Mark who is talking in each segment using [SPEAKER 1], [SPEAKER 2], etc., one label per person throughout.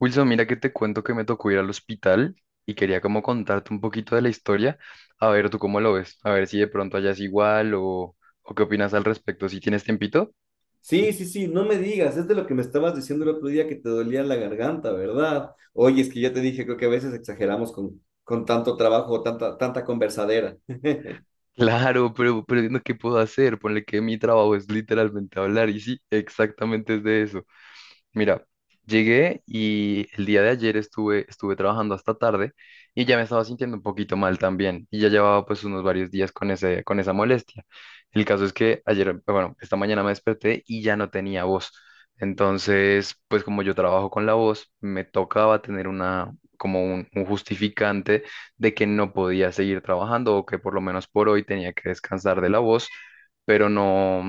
[SPEAKER 1] Wilson, mira que te cuento que me tocó ir al hospital y quería como contarte un poquito de la historia. A ver, ¿tú cómo lo ves? A ver si de pronto allá es igual o qué opinas al respecto. ¿Si tienes tiempito?
[SPEAKER 2] Sí, sí, sí, no me digas, es de lo que me estabas diciendo el otro día que te dolía la garganta, ¿verdad? Oye, es que ya te dije, creo que a veces exageramos con tanto trabajo, o tanta conversadera.
[SPEAKER 1] Claro, pero no, ¿qué puedo hacer? Ponle que mi trabajo es literalmente hablar y sí, exactamente es de eso. Mira, llegué y el día de ayer estuve trabajando hasta tarde y ya me estaba sintiendo un poquito mal también y ya llevaba pues unos varios días con con esa molestia. El caso es que ayer, bueno, esta mañana me desperté y ya no tenía voz. Entonces, pues como yo trabajo con la voz, me tocaba tener como un justificante de que no podía seguir trabajando o que por lo menos por hoy tenía que descansar de la voz, pero no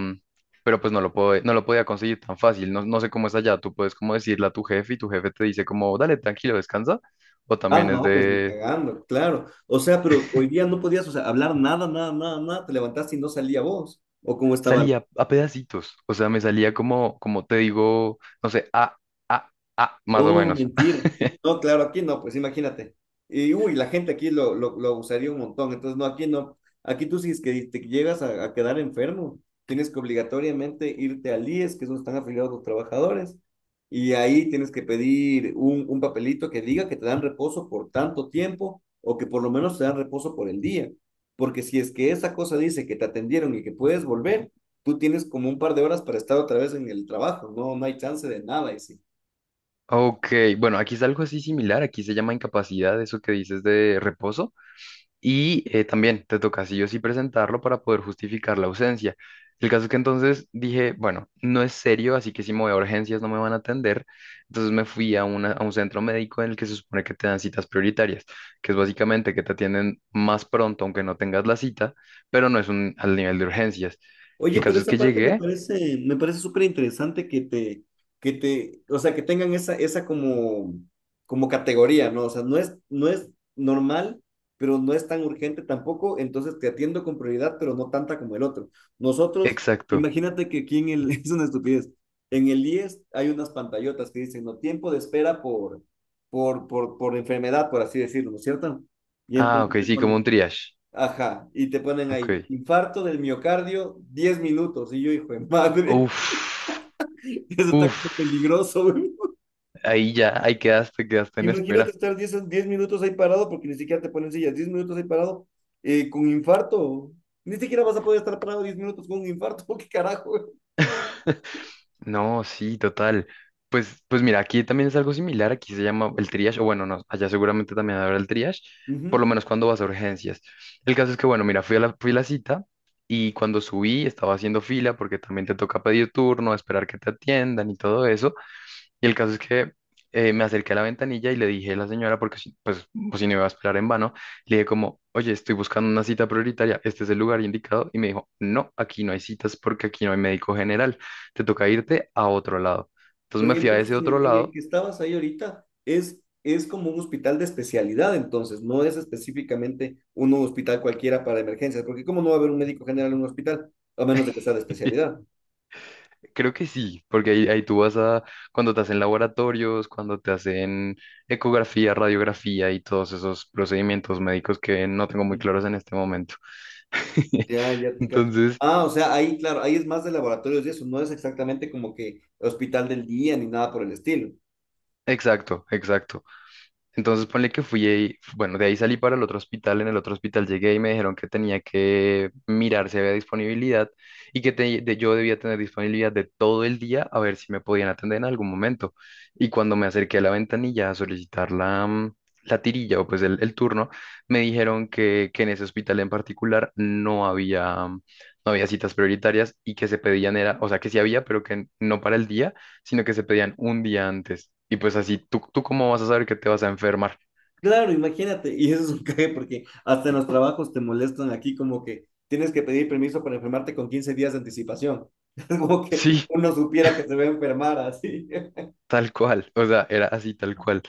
[SPEAKER 1] pero pues no lo podía conseguir tan fácil. No, no sé cómo es allá. Tú puedes como decirle a tu jefe y tu jefe te dice como, dale, tranquilo, descansa. O
[SPEAKER 2] Ah,
[SPEAKER 1] también es
[SPEAKER 2] no, pues ni
[SPEAKER 1] de,
[SPEAKER 2] cagando, claro. O sea, pero hoy día no podías, o sea, hablar nada, nada, nada, nada, te levantaste y no salía voz. ¿O cómo estaba?
[SPEAKER 1] salía a pedacitos. O sea, me salía como te digo, no sé, a, a, más o
[SPEAKER 2] Oh,
[SPEAKER 1] menos.
[SPEAKER 2] mentira. No, claro, aquí no, pues imagínate. Y uy, la gente aquí lo usaría un montón. Entonces, no, aquí no. Aquí tú si es que te llegas a quedar enfermo, tienes que obligatoriamente irte al IES, que es donde están afiliados los trabajadores, y ahí tienes que pedir un papelito que diga que te dan reposo por tanto tiempo o que por lo menos te dan reposo por el día. Porque si es que esa cosa dice que te atendieron y que puedes volver, tú tienes como un par de horas para estar otra vez en el trabajo, no, no hay chance de nada. Y sí.
[SPEAKER 1] Ok, bueno, aquí es algo así similar. Aquí se llama incapacidad, eso que dices de reposo. Y también te toca sí o sí presentarlo para poder justificar la ausencia. El caso es que entonces dije, bueno, no es serio, así que si me voy a urgencias no me van a atender. Entonces me fui a un centro médico en el que se supone que te dan citas prioritarias, que es básicamente que te atienden más pronto aunque no tengas la cita, pero no es al nivel de urgencias. El
[SPEAKER 2] Oye, pero
[SPEAKER 1] caso es
[SPEAKER 2] esa
[SPEAKER 1] que
[SPEAKER 2] parte
[SPEAKER 1] llegué,
[SPEAKER 2] me parece súper interesante que o sea, que tengan esa, esa como, como categoría, ¿no? O sea, no es normal, pero no es tan urgente tampoco, entonces te atiendo con prioridad, pero no tanta como el otro. Nosotros,
[SPEAKER 1] exacto.
[SPEAKER 2] imagínate que aquí en el, es una estupidez, en el IES hay unas pantallotas que dicen, no, tiempo de espera por, por enfermedad, por así decirlo, ¿no es cierto? Y
[SPEAKER 1] Ah, ok,
[SPEAKER 2] entonces te
[SPEAKER 1] sí, como
[SPEAKER 2] ponen,
[SPEAKER 1] un triage.
[SPEAKER 2] ajá, y te ponen
[SPEAKER 1] Ok.
[SPEAKER 2] ahí, infarto del miocardio, 10 minutos. Y yo, hijo de madre,
[SPEAKER 1] Uf,
[SPEAKER 2] eso está como
[SPEAKER 1] uf,
[SPEAKER 2] peligroso, güey.
[SPEAKER 1] ahí quedaste en
[SPEAKER 2] Imagínate
[SPEAKER 1] espera.
[SPEAKER 2] estar diez minutos ahí parado, porque ni siquiera te ponen sillas, 10 minutos ahí parado, con infarto. Ni siquiera vas a poder estar parado 10 minutos con un infarto, ¿qué carajo, güey?
[SPEAKER 1] No, sí, total. Pues mira, aquí también es algo similar, aquí se llama el triage, o bueno, no, allá seguramente también habrá el triage, por lo
[SPEAKER 2] Ujú.
[SPEAKER 1] menos cuando vas a urgencias. El caso es que, bueno, mira, fui a la cita y cuando subí estaba haciendo fila porque también te toca pedir turno, esperar que te atiendan y todo eso. Y el caso es que me acerqué a la ventanilla y le dije a la señora, porque pues, si no iba a esperar en vano, le dije como, oye, estoy buscando una cita prioritaria, este es el lugar indicado. Y me dijo, no, aquí no hay citas porque aquí no hay médico general, te toca irte a otro lado. Entonces
[SPEAKER 2] Pero
[SPEAKER 1] me fui a ese
[SPEAKER 2] entonces
[SPEAKER 1] otro
[SPEAKER 2] en el
[SPEAKER 1] lado.
[SPEAKER 2] que estabas ahí ahorita es como un hospital de especialidad, entonces, no es específicamente un hospital cualquiera para emergencias, porque ¿cómo no va a haber un médico general en un hospital? A menos de que sea de especialidad.
[SPEAKER 1] Creo que sí, porque ahí tú cuando te hacen laboratorios, cuando te hacen ecografía, radiografía y todos esos procedimientos médicos que no tengo muy
[SPEAKER 2] Ujú.
[SPEAKER 1] claros en este momento.
[SPEAKER 2] Ya, ya te cacho.
[SPEAKER 1] Entonces,
[SPEAKER 2] Ah, o sea, ahí, claro, ahí es más de laboratorios y eso, no es exactamente como que hospital del día ni nada por el estilo.
[SPEAKER 1] exacto, exacto. Entonces ponle que fui ahí, bueno, de ahí salí para el otro hospital, en el otro hospital llegué y me dijeron que tenía que mirar si había disponibilidad y que yo debía tener disponibilidad de todo el día a ver si me podían atender en algún momento. Y cuando me acerqué a la ventanilla a solicitar la tirilla o pues el turno, me dijeron que en ese hospital en particular no había citas prioritarias y que se pedían era, o sea, que sí había, pero que no para el día sino que se pedían un día antes. Y pues así, ¿tú cómo vas a saber que te vas a enfermar?
[SPEAKER 2] Claro, imagínate, y eso es un cague porque hasta en los trabajos te molestan aquí como que tienes que pedir permiso para enfermarte con 15 días de anticipación. Es como que
[SPEAKER 1] Sí,
[SPEAKER 2] uno supiera que se va a enfermar así.
[SPEAKER 1] tal cual. O sea, era así, tal cual.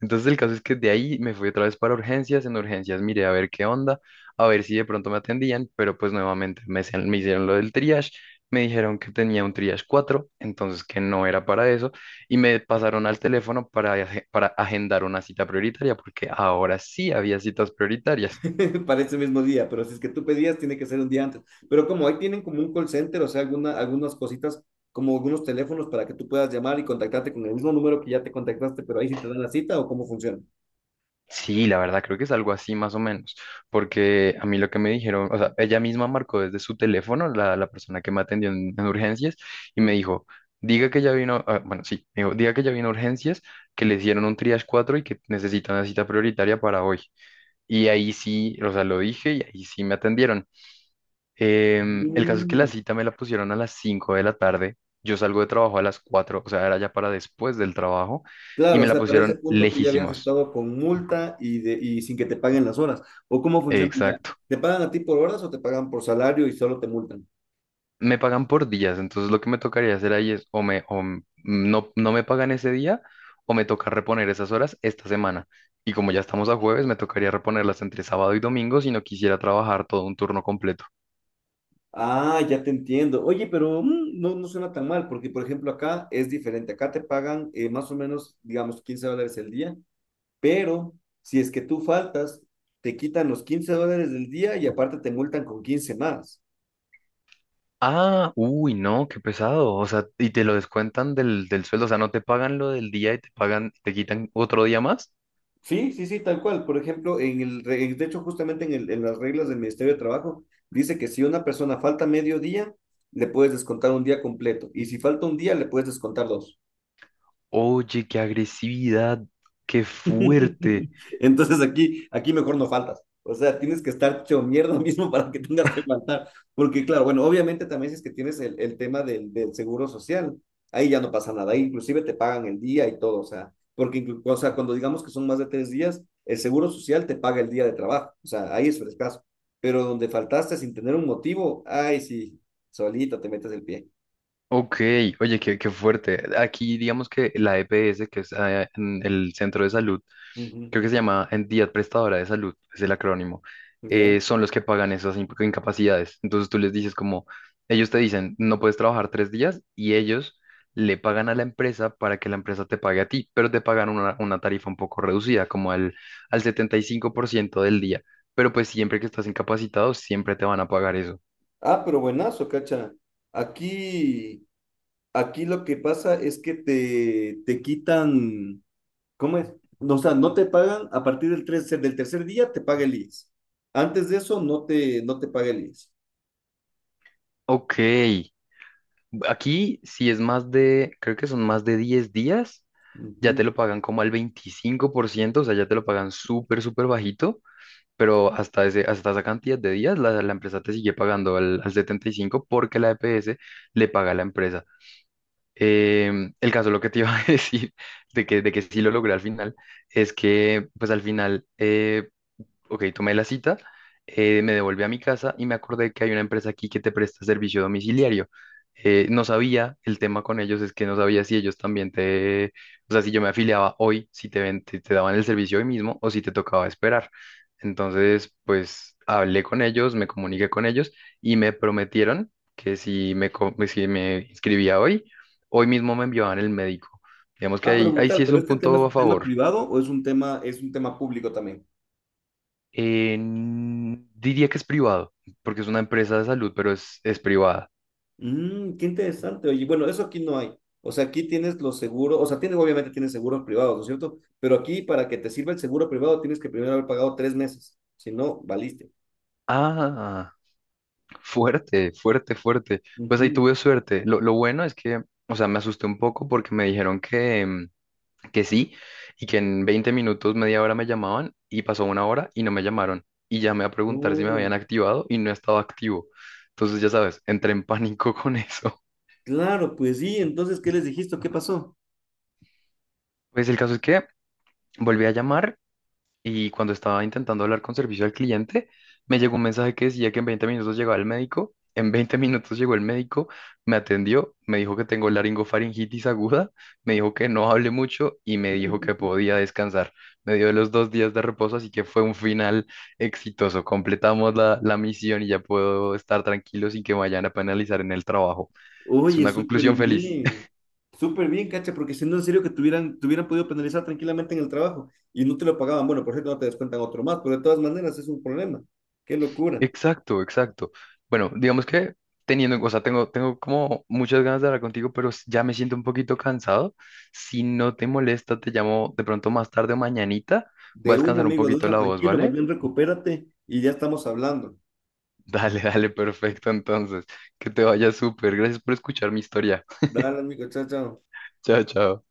[SPEAKER 1] Entonces el caso es que de ahí me fui otra vez para urgencias. En urgencias miré a ver qué onda, a ver si de pronto me atendían, pero pues nuevamente me hicieron lo del triage. Me dijeron que tenía un triage 4 entonces que no era para eso, y me pasaron al teléfono para agendar una cita prioritaria, porque ahora sí había citas prioritarias.
[SPEAKER 2] Para ese mismo día, pero si es que tú pedías, tiene que ser un día antes. Pero como ahí tienen como un call center, o sea, alguna, algunas cositas, como algunos teléfonos para que tú puedas llamar y contactarte con el mismo número que ya te contactaste, pero ahí sí te dan la cita o cómo funciona.
[SPEAKER 1] Sí, la verdad, creo que es algo así más o menos, porque a mí lo que me dijeron, o sea, ella misma marcó desde su teléfono, la persona que me atendió en urgencias, y me
[SPEAKER 2] Mm.
[SPEAKER 1] dijo, diga que ya vino, ah, bueno, sí, me dijo, diga que ya vino a urgencias, que le hicieron un triage 4 y que necesita una cita prioritaria para hoy. Y ahí sí, o sea, lo dije y ahí sí me atendieron. El caso es que la cita me la pusieron a las 5 de la tarde, yo salgo de trabajo a las 4, o sea, era ya para después del trabajo, y
[SPEAKER 2] Claro, o
[SPEAKER 1] me la
[SPEAKER 2] sea, para ese
[SPEAKER 1] pusieron
[SPEAKER 2] punto tú ya habías
[SPEAKER 1] lejísimos.
[SPEAKER 2] estado con multa y, de, y sin que te paguen las horas. ¿O cómo funciona ya?
[SPEAKER 1] Exacto.
[SPEAKER 2] ¿Te pagan a ti por horas o te pagan por salario y solo te multan?
[SPEAKER 1] Me pagan por días, entonces lo que me tocaría hacer ahí es o me o m- no, no me pagan ese día o me toca reponer esas horas esta semana. Y como ya estamos a jueves, me tocaría reponerlas entre sábado y domingo si no quisiera trabajar todo un turno completo.
[SPEAKER 2] Ah, ya te entiendo. Oye, pero mm, no, no suena tan mal, porque por ejemplo acá es diferente. Acá te pagan más o menos, digamos, 15 dólares el día, pero si es que tú faltas, te quitan los 15 dólares del día y aparte te multan con 15 más.
[SPEAKER 1] Ah, uy, no, qué pesado. O sea, y te lo descuentan del sueldo, o sea, no te pagan lo del día y te pagan, te quitan otro día más.
[SPEAKER 2] Sí, sí, sí, tal cual. Por ejemplo, de hecho, justamente en las reglas del Ministerio de Trabajo, dice que si una persona falta medio día, le puedes descontar un día completo. Y si falta un día, le puedes descontar dos.
[SPEAKER 1] Oye, qué agresividad, qué fuerte.
[SPEAKER 2] Entonces aquí, aquí mejor no faltas. O sea, tienes que estar hecho mierda mismo para que tengas que faltar. Porque claro, bueno, obviamente también si es que tienes el tema del seguro social, ahí ya no pasa nada. Ahí inclusive te pagan el día y todo. O sea, porque o sea, cuando digamos que son más de tres días, el seguro social te paga el día de trabajo. O sea, ahí es frescaso. Pero donde faltaste sin tener un motivo, ay, sí, solito te metes el pie.
[SPEAKER 1] Ok, oye, qué fuerte. Aquí digamos que la EPS, que es en el centro de salud
[SPEAKER 2] Ujú,
[SPEAKER 1] creo que se llama entidad prestadora de salud, es el acrónimo,
[SPEAKER 2] ya.
[SPEAKER 1] son los que pagan esas incapacidades. Entonces tú les dices como, ellos te dicen, no puedes trabajar 3 días y ellos le pagan a la empresa para que la empresa te pague a ti, pero te pagan una tarifa un poco reducida, como al 75% del día. Pero pues siempre que estás incapacitado, siempre te van a pagar eso.
[SPEAKER 2] Ah, pero buenazo, cacha. Aquí Aquí lo que pasa es que te quitan, ¿cómo es? No. O sea, no te pagan a partir del, del tercer día, te paga el IES. Antes de eso, no te paga el IES.
[SPEAKER 1] Ok, aquí, si es más de, creo que son más de 10 días, ya
[SPEAKER 2] Ujú.
[SPEAKER 1] te lo pagan como al 25%, o sea, ya te lo pagan súper, súper bajito, pero hasta esa cantidad de días la empresa te sigue pagando al 75% porque la EPS le paga a la empresa. El caso, lo que te iba a decir, de que sí lo logré al final, es que pues al final, ok, tomé la cita, me devolví a mi casa y me acordé que hay una empresa aquí que te presta servicio domiciliario. No sabía, el tema con ellos es que no sabía si ellos también te, o sea, si yo me afiliaba hoy, si te daban el servicio hoy mismo o si te tocaba esperar. Entonces, pues hablé con ellos, me comuniqué con ellos y me prometieron que si me inscribía hoy, hoy mismo me enviaban el médico. Digamos que
[SPEAKER 2] Ah, pero
[SPEAKER 1] ahí sí
[SPEAKER 2] brutal,
[SPEAKER 1] es
[SPEAKER 2] pero
[SPEAKER 1] un
[SPEAKER 2] este tema es
[SPEAKER 1] punto a
[SPEAKER 2] un tema
[SPEAKER 1] favor.
[SPEAKER 2] privado o es un tema público también.
[SPEAKER 1] Diría que es privado, porque es una empresa de salud, pero es privada.
[SPEAKER 2] Mm, qué interesante. Oye, bueno, eso aquí no hay. O sea, aquí tienes los seguros, o sea, tienes, obviamente tienes seguros privados, ¿no es cierto? Pero aquí, para que te sirva el seguro privado, tienes que primero haber pagado 3 meses. Si no, valiste.
[SPEAKER 1] Ah, fuerte, fuerte, fuerte. Pues ahí tuve suerte. Lo bueno es que, o sea, me asusté un poco porque me dijeron que sí y que en 20 minutos, media hora me llamaban y pasó una hora y no me llamaron. Y llamé a preguntar si me habían
[SPEAKER 2] Ujú.
[SPEAKER 1] activado y no estaba activo. Entonces, ya sabes, entré en pánico con eso.
[SPEAKER 2] Claro, pues sí, entonces, ¿qué les dijiste? ¿Qué pasó?
[SPEAKER 1] Pues el caso es que volví a llamar y cuando estaba intentando hablar con servicio al cliente, me llegó un mensaje que decía que en 20 minutos llegaba el médico. En 20 minutos llegó el médico, me atendió, me dijo que tengo laringofaringitis aguda, me dijo que no hable mucho y me dijo que podía descansar. Me dio los 2 días de reposo, así que fue un final exitoso. Completamos la misión y ya puedo estar tranquilo sin que me vayan a penalizar en el trabajo. Es
[SPEAKER 2] Oye,
[SPEAKER 1] una conclusión feliz.
[SPEAKER 2] súper bien, cacha, porque si no, en serio que tuvieran, te hubieran podido penalizar tranquilamente en el trabajo y no te lo pagaban. Bueno, por cierto, no te descuentan otro más, pero de todas maneras es un problema. Qué locura.
[SPEAKER 1] Exacto, exacto. Bueno, digamos que teniendo, o sea, tengo como muchas ganas de hablar contigo, pero ya me siento un poquito cansado. Si no te molesta, te llamo de pronto más tarde o mañanita. Voy a
[SPEAKER 2] De un
[SPEAKER 1] descansar un
[SPEAKER 2] amigo, de
[SPEAKER 1] poquito
[SPEAKER 2] una,
[SPEAKER 1] la voz,
[SPEAKER 2] tranquilo, más
[SPEAKER 1] ¿vale?
[SPEAKER 2] bien recupérate y ya estamos hablando.
[SPEAKER 1] Dale, dale, perfecto. Entonces, que te vaya súper. Gracias por escuchar mi historia.
[SPEAKER 2] Dale, amigo, chao, chao.
[SPEAKER 1] Chao, chao.